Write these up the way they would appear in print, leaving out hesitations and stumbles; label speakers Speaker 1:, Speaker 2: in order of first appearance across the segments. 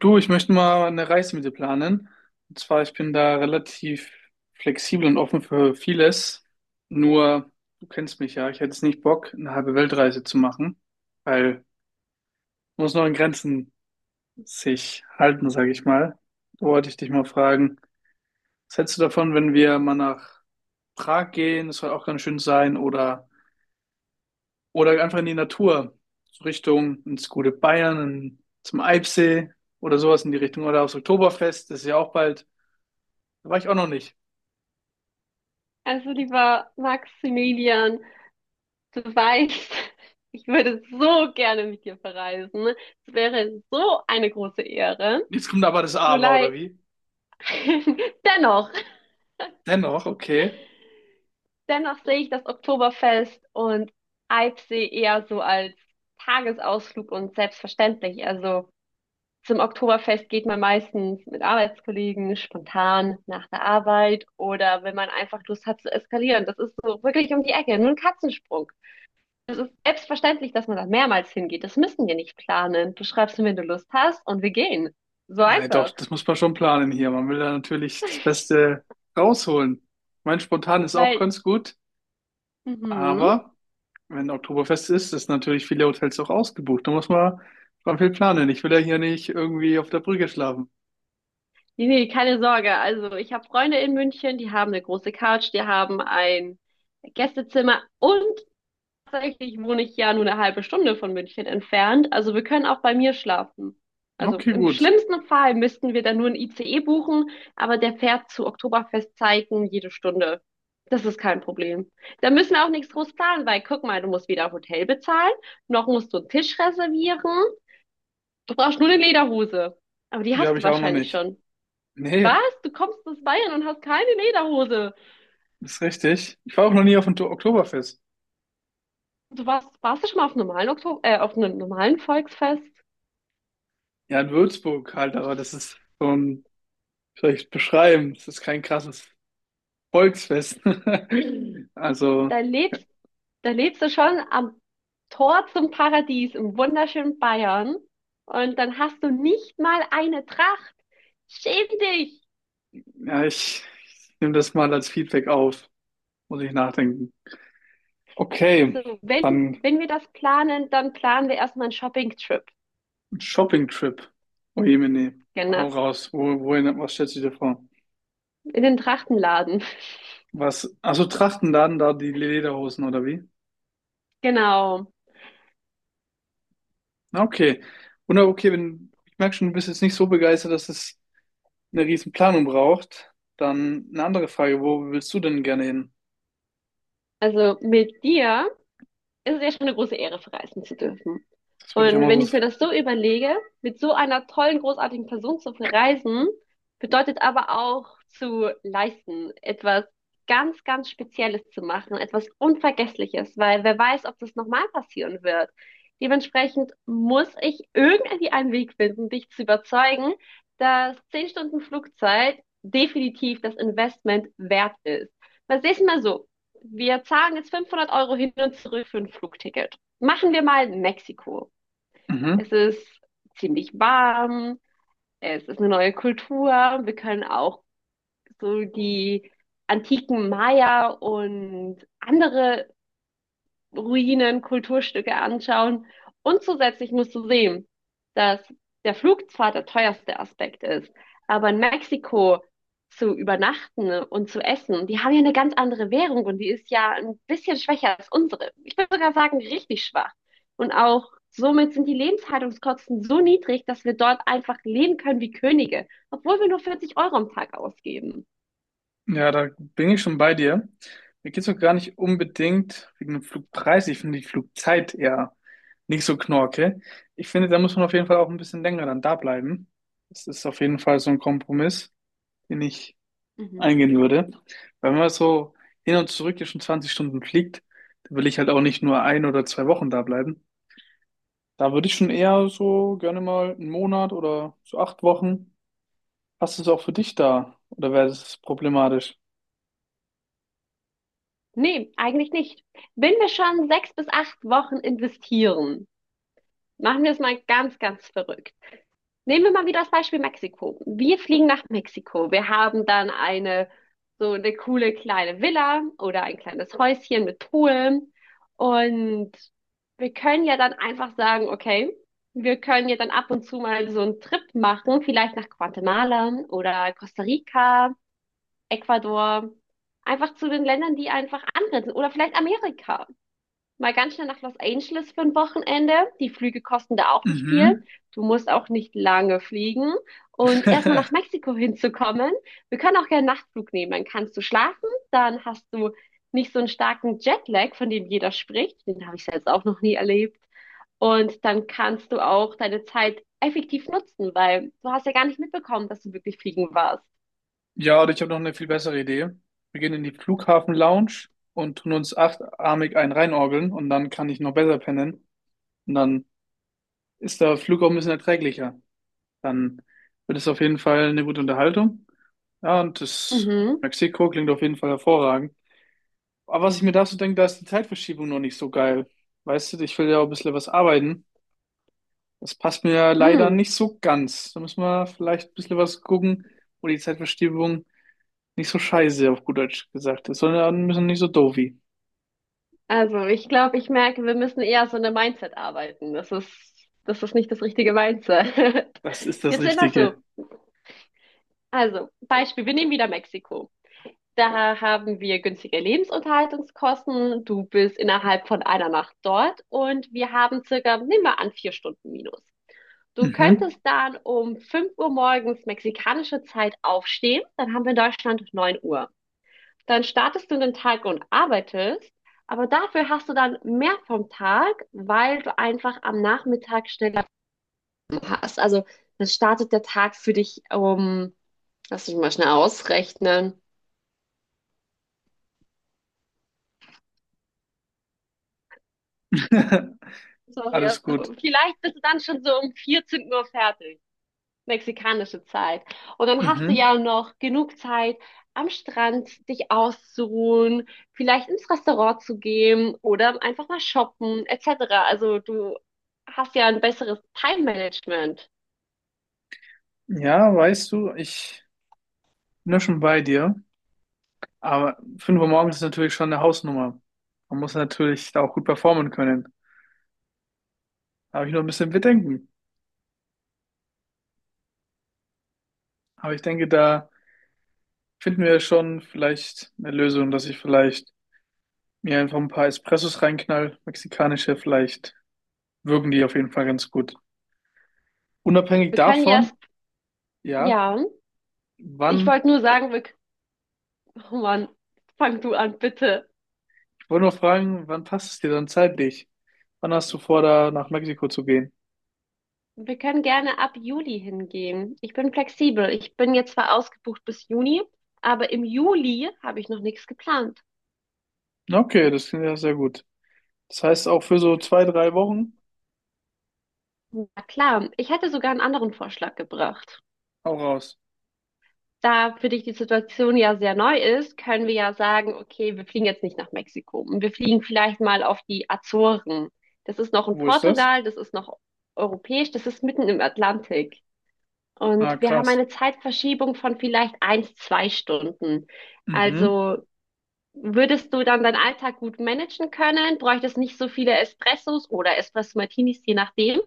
Speaker 1: Du, ich möchte mal eine Reise mit dir planen. Und zwar, ich bin da relativ flexibel und offen für vieles. Nur, du kennst mich ja, ich hätte jetzt nicht Bock, eine halbe Weltreise zu machen, weil man muss noch in Grenzen sich halten, sage ich mal. Da wollte ich dich mal fragen, was hältst du davon, wenn wir mal nach Prag gehen? Das soll auch ganz schön sein. Oder einfach in die Natur, so Richtung ins gute Bayern, zum Eibsee oder sowas in die Richtung. Oder aufs Oktoberfest, das ist ja auch bald. Da war ich auch noch nicht.
Speaker 2: Also lieber Maximilian, du weißt, ich würde so gerne mit dir verreisen. Es wäre so eine große Ehre.
Speaker 1: Jetzt kommt aber das
Speaker 2: Nur
Speaker 1: Aber, oder
Speaker 2: leid,
Speaker 1: wie?
Speaker 2: dennoch,
Speaker 1: Dennoch, okay.
Speaker 2: dennoch sehe ich das Oktoberfest und Eibsee eher so als Tagesausflug und selbstverständlich. Also zum Oktoberfest geht man meistens mit Arbeitskollegen spontan nach der Arbeit oder wenn man einfach Lust hat zu eskalieren. Das ist so wirklich um die Ecke, nur ein Katzensprung. Es ist selbstverständlich, dass man da mehrmals hingeht. Das müssen wir nicht planen. Du schreibst mir, wenn du Lust hast, und wir gehen. So
Speaker 1: Nein, doch,
Speaker 2: einfach.
Speaker 1: das muss man schon planen hier. Man will da natürlich das Beste rausholen. Mein Spontan ist auch
Speaker 2: Weil,
Speaker 1: ganz gut,
Speaker 2: mhm.
Speaker 1: aber wenn Oktoberfest ist, ist natürlich viele Hotels auch ausgebucht. Da muss man schon viel planen. Ich will ja hier nicht irgendwie auf der Brücke schlafen.
Speaker 2: Nee, nee, keine Sorge. Also, ich habe Freunde in München, die haben eine große Couch, die haben ein Gästezimmer und tatsächlich wohne ich ja nur eine halbe Stunde von München entfernt. Also wir können auch bei mir schlafen. Also
Speaker 1: Okay,
Speaker 2: im
Speaker 1: gut.
Speaker 2: schlimmsten Fall müssten wir dann nur ein ICE buchen, aber der fährt zu Oktoberfestzeiten jede Stunde. Das ist kein Problem. Da müssen wir auch nichts groß planen, weil guck mal, du musst weder Hotel bezahlen, noch musst du einen Tisch reservieren. Du brauchst nur eine Lederhose. Aber die
Speaker 1: Die
Speaker 2: hast
Speaker 1: habe
Speaker 2: du
Speaker 1: ich auch noch
Speaker 2: wahrscheinlich
Speaker 1: nicht.
Speaker 2: schon. Was?
Speaker 1: Nee,
Speaker 2: Du kommst aus Bayern und hast keine Lederhose.
Speaker 1: das ist richtig. Ich war auch noch nie auf dem Oktoberfest.
Speaker 2: Warst du schon mal auf einem normalen Volksfest?
Speaker 1: Ja, in Würzburg halt, aber das ist so ein, vielleicht beschreiben. Das ist kein krasses Volksfest.
Speaker 2: Da
Speaker 1: Also,
Speaker 2: lebst Da lebst du schon am Tor zum Paradies im wunderschönen Bayern und dann hast du nicht mal eine Tracht. Schäm dich!
Speaker 1: ja, ich nehme das mal als Feedback auf. Muss ich nachdenken. Okay,
Speaker 2: Also wenn,
Speaker 1: dann
Speaker 2: wenn wir das planen, dann planen wir erstmal einen Shopping-Trip.
Speaker 1: Shopping-Trip. Oh je, meine. Hau
Speaker 2: Genau.
Speaker 1: raus. Wohin, was stellst du dir vor?
Speaker 2: In den Trachtenladen.
Speaker 1: Was? Also Trachten dann da die Lederhosen oder wie?
Speaker 2: Genau.
Speaker 1: Na, okay. Wunder, okay, wenn, ich merke schon, du bist jetzt nicht so begeistert, dass es eine riesen Planung braucht. Dann eine andere Frage. Wo willst du denn gerne hin?
Speaker 2: Also mit dir ist es ja schon eine große Ehre, verreisen zu dürfen.
Speaker 1: Das würde ich auch
Speaker 2: Und
Speaker 1: mal
Speaker 2: wenn ich
Speaker 1: so.
Speaker 2: mir das so überlege, mit so einer tollen, großartigen Person zu verreisen, bedeutet aber auch zu leisten, etwas ganz, ganz Spezielles zu machen, etwas Unvergessliches, weil wer weiß, ob das nochmal passieren wird. Dementsprechend muss ich irgendwie einen Weg finden, dich zu überzeugen, dass 10 Stunden Flugzeit definitiv das Investment wert ist. Weil seh's mal so, wir zahlen jetzt 500 € hin und zurück für ein Flugticket. Machen wir mal Mexiko.
Speaker 1: Mhm.
Speaker 2: Es ist ziemlich warm, es ist eine neue Kultur. Wir können auch so die antiken Maya und andere Ruinen, Kulturstücke anschauen. Und zusätzlich musst du sehen, dass der Flug zwar der teuerste Aspekt ist, aber in Mexiko zu übernachten und zu essen, die haben ja eine ganz andere Währung und die ist ja ein bisschen schwächer als unsere. Ich würde sogar sagen, richtig schwach. Und auch somit sind die Lebenshaltungskosten so niedrig, dass wir dort einfach leben können wie Könige, obwohl wir nur 40 € am Tag ausgeben.
Speaker 1: Ja, da bin ich schon bei dir. Mir geht's auch gar nicht unbedingt wegen dem Flugpreis. Ich finde die Flugzeit eher nicht so knorke. Ich finde, da muss man auf jeden Fall auch ein bisschen länger dann da bleiben. Das ist auf jeden Fall so ein Kompromiss, den ich
Speaker 2: Mhm.
Speaker 1: eingehen würde. Weil wenn man so hin und zurück ja schon 20 Stunden fliegt, dann will ich halt auch nicht nur 1 oder 2 Wochen da bleiben. Da würde ich schon eher so gerne mal einen Monat oder so 8 Wochen. Passt es auch für dich da? Oder wäre das problematisch?
Speaker 2: Nee, eigentlich nicht. Wenn wir schon 6 bis 8 Wochen investieren, machen wir es mal ganz, ganz verrückt. Nehmen wir mal wieder das Beispiel Mexiko. Wir fliegen nach Mexiko. Wir haben dann eine, so eine coole kleine Villa oder ein kleines Häuschen mit Pool. Und wir können ja dann einfach sagen, okay, wir können ja dann ab und zu mal so einen Trip machen, vielleicht nach Guatemala oder Costa Rica, Ecuador, einfach zu den Ländern, die einfach angrenzen oder vielleicht Amerika mal ganz schnell nach Los Angeles für ein Wochenende. Die Flüge kosten da auch nicht viel.
Speaker 1: Mhm.
Speaker 2: Du musst auch nicht lange fliegen. Und erstmal nach Mexiko hinzukommen. Wir können auch gerne einen Nachtflug nehmen. Dann kannst du schlafen, dann hast du nicht so einen starken Jetlag, von dem jeder spricht. Den habe ich selbst auch noch nie erlebt. Und dann kannst du auch deine Zeit effektiv nutzen, weil du hast ja gar nicht mitbekommen, dass du wirklich fliegen warst.
Speaker 1: Ja, oder ich habe noch eine viel bessere Idee. Wir gehen in die Flughafen-Lounge und tun uns achtarmig einen reinorgeln und dann kann ich noch besser pennen. Und dann ist der Flug auch ein bisschen erträglicher. Dann wird es auf jeden Fall eine gute Unterhaltung. Ja, und das
Speaker 2: Mhm.
Speaker 1: Mexiko klingt auf jeden Fall hervorragend. Aber was ich mir dazu denke, da ist die Zeitverschiebung noch nicht so geil. Weißt du, ich will ja auch ein bisschen was arbeiten. Das passt mir ja leider
Speaker 2: Mhm.
Speaker 1: nicht so ganz. Da müssen wir vielleicht ein bisschen was gucken, wo die Zeitverschiebung nicht so scheiße, auf gut Deutsch gesagt. Es soll müssen nicht so doofi.
Speaker 2: Also, ich glaube, ich merke, wir müssen eher so eine Mindset arbeiten. Das ist nicht das richtige Mindset.
Speaker 1: Das ist das
Speaker 2: Jetzt sind wir so.
Speaker 1: Richtige.
Speaker 2: Also, Beispiel, wir nehmen wieder Mexiko. Da haben wir günstige Lebensunterhaltungskosten. Du bist innerhalb von einer Nacht dort und wir haben circa, nehmen wir an, 4 Stunden minus. Du
Speaker 1: Mhm.
Speaker 2: könntest dann um 5 Uhr morgens mexikanische Zeit aufstehen. Dann haben wir in Deutschland 9 Uhr. Dann startest du in den Tag und arbeitest, aber dafür hast du dann mehr vom Tag, weil du einfach am Nachmittag schneller hast. Also dann startet der Tag für dich um, lass mich mal schnell ausrechnen. Sorry,
Speaker 1: Alles gut.
Speaker 2: also vielleicht bist du dann schon so um 14 Uhr fertig. Mexikanische Zeit. Und dann hast du ja
Speaker 1: Mhm.
Speaker 2: noch genug Zeit, am Strand dich auszuruhen, vielleicht ins Restaurant zu gehen oder einfach mal shoppen, etc. Also du hast ja ein besseres Time-Management.
Speaker 1: Ja, weißt du, ich bin ja schon bei dir. Aber 5 Uhr morgens ist natürlich schon eine Hausnummer. Man muss natürlich da auch gut performen können. Da habe ich noch ein bisschen Bedenken. Aber ich denke, da finden wir schon vielleicht eine Lösung, dass ich vielleicht mir einfach ein paar Espressos reinknall. Mexikanische, vielleicht wirken die auf jeden Fall ganz gut. Unabhängig
Speaker 2: Wir können ja,
Speaker 1: davon, ja,
Speaker 2: ja, ich
Speaker 1: wann.
Speaker 2: wollte nur sagen, wir, oh Mann, fang du an, bitte.
Speaker 1: Ich wollte nur fragen, wann passt es dir dann zeitlich? Wann hast du vor, da nach Mexiko zu gehen?
Speaker 2: Wir können gerne ab Juli hingehen. Ich bin flexibel. Ich bin jetzt zwar ausgebucht bis Juni, aber im Juli habe ich noch nichts geplant.
Speaker 1: Okay, das klingt ja sehr gut. Das heißt auch für so 2, 3 Wochen
Speaker 2: Na klar, ich hätte sogar einen anderen Vorschlag gebracht.
Speaker 1: auch raus.
Speaker 2: Da für dich die Situation ja sehr neu ist, können wir ja sagen, okay, wir fliegen jetzt nicht nach Mexiko. Wir fliegen vielleicht mal auf die Azoren. Das ist noch in
Speaker 1: Wo ist das?
Speaker 2: Portugal, das ist noch europäisch, das ist mitten im Atlantik.
Speaker 1: Ah,
Speaker 2: Und wir haben
Speaker 1: krass.
Speaker 2: eine Zeitverschiebung von vielleicht eins, zwei Stunden.
Speaker 1: Mhm.
Speaker 2: Also würdest du dann deinen Alltag gut managen können? Bräuchtest nicht so viele Espressos oder Espresso Martinis, je nachdem?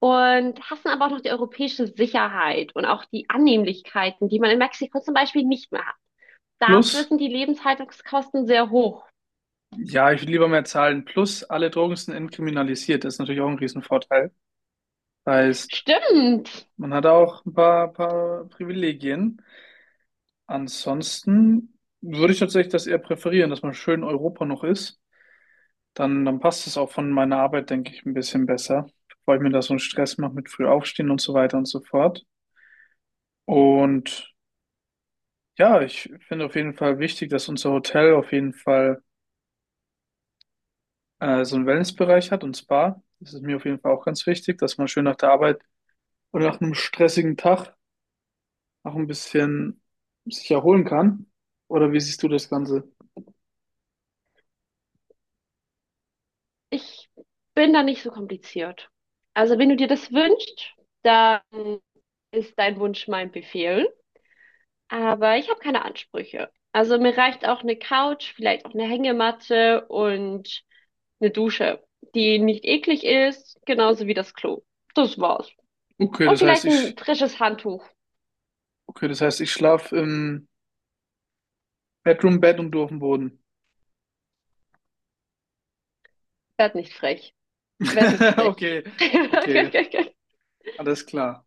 Speaker 2: Und hassen aber auch noch die europäische Sicherheit und auch die Annehmlichkeiten, die man in Mexiko zum Beispiel nicht mehr hat. Dafür
Speaker 1: Plus,
Speaker 2: sind die Lebenshaltungskosten sehr hoch.
Speaker 1: ja, ich würde lieber mehr zahlen. Plus, alle Drogen sind entkriminalisiert. Das ist natürlich auch ein Riesenvorteil. Das heißt,
Speaker 2: Stimmt,
Speaker 1: man hat auch ein paar Privilegien. Ansonsten würde ich tatsächlich das eher präferieren, dass man schön in Europa noch ist. Dann passt es auch von meiner Arbeit, denke ich, ein bisschen besser, bevor ich mir da so einen Stress mache mit früh aufstehen und so weiter und so fort. Und ja, ich finde auf jeden Fall wichtig, dass unser Hotel auf jeden Fall so einen Wellnessbereich hat und Spa. Das ist mir auf jeden Fall auch ganz wichtig, dass man schön nach der Arbeit oder nach einem stressigen Tag auch ein bisschen sich erholen kann. Oder wie siehst du das Ganze?
Speaker 2: ich bin da nicht so kompliziert. Also wenn du dir das wünschst, dann ist dein Wunsch mein Befehl. Aber ich habe keine Ansprüche. Also mir reicht auch eine Couch, vielleicht auch eine Hängematte und eine Dusche, die nicht eklig ist, genauso wie das Klo. Das war's.
Speaker 1: Okay,
Speaker 2: Und
Speaker 1: das heißt,
Speaker 2: vielleicht
Speaker 1: ich,
Speaker 2: ein frisches Handtuch.
Speaker 1: okay, das heißt, ich schlafe im Bedroom-Bett und du auf dem Boden.
Speaker 2: Werd nicht frech. Werd nicht frech.
Speaker 1: Okay, okay, alles klar.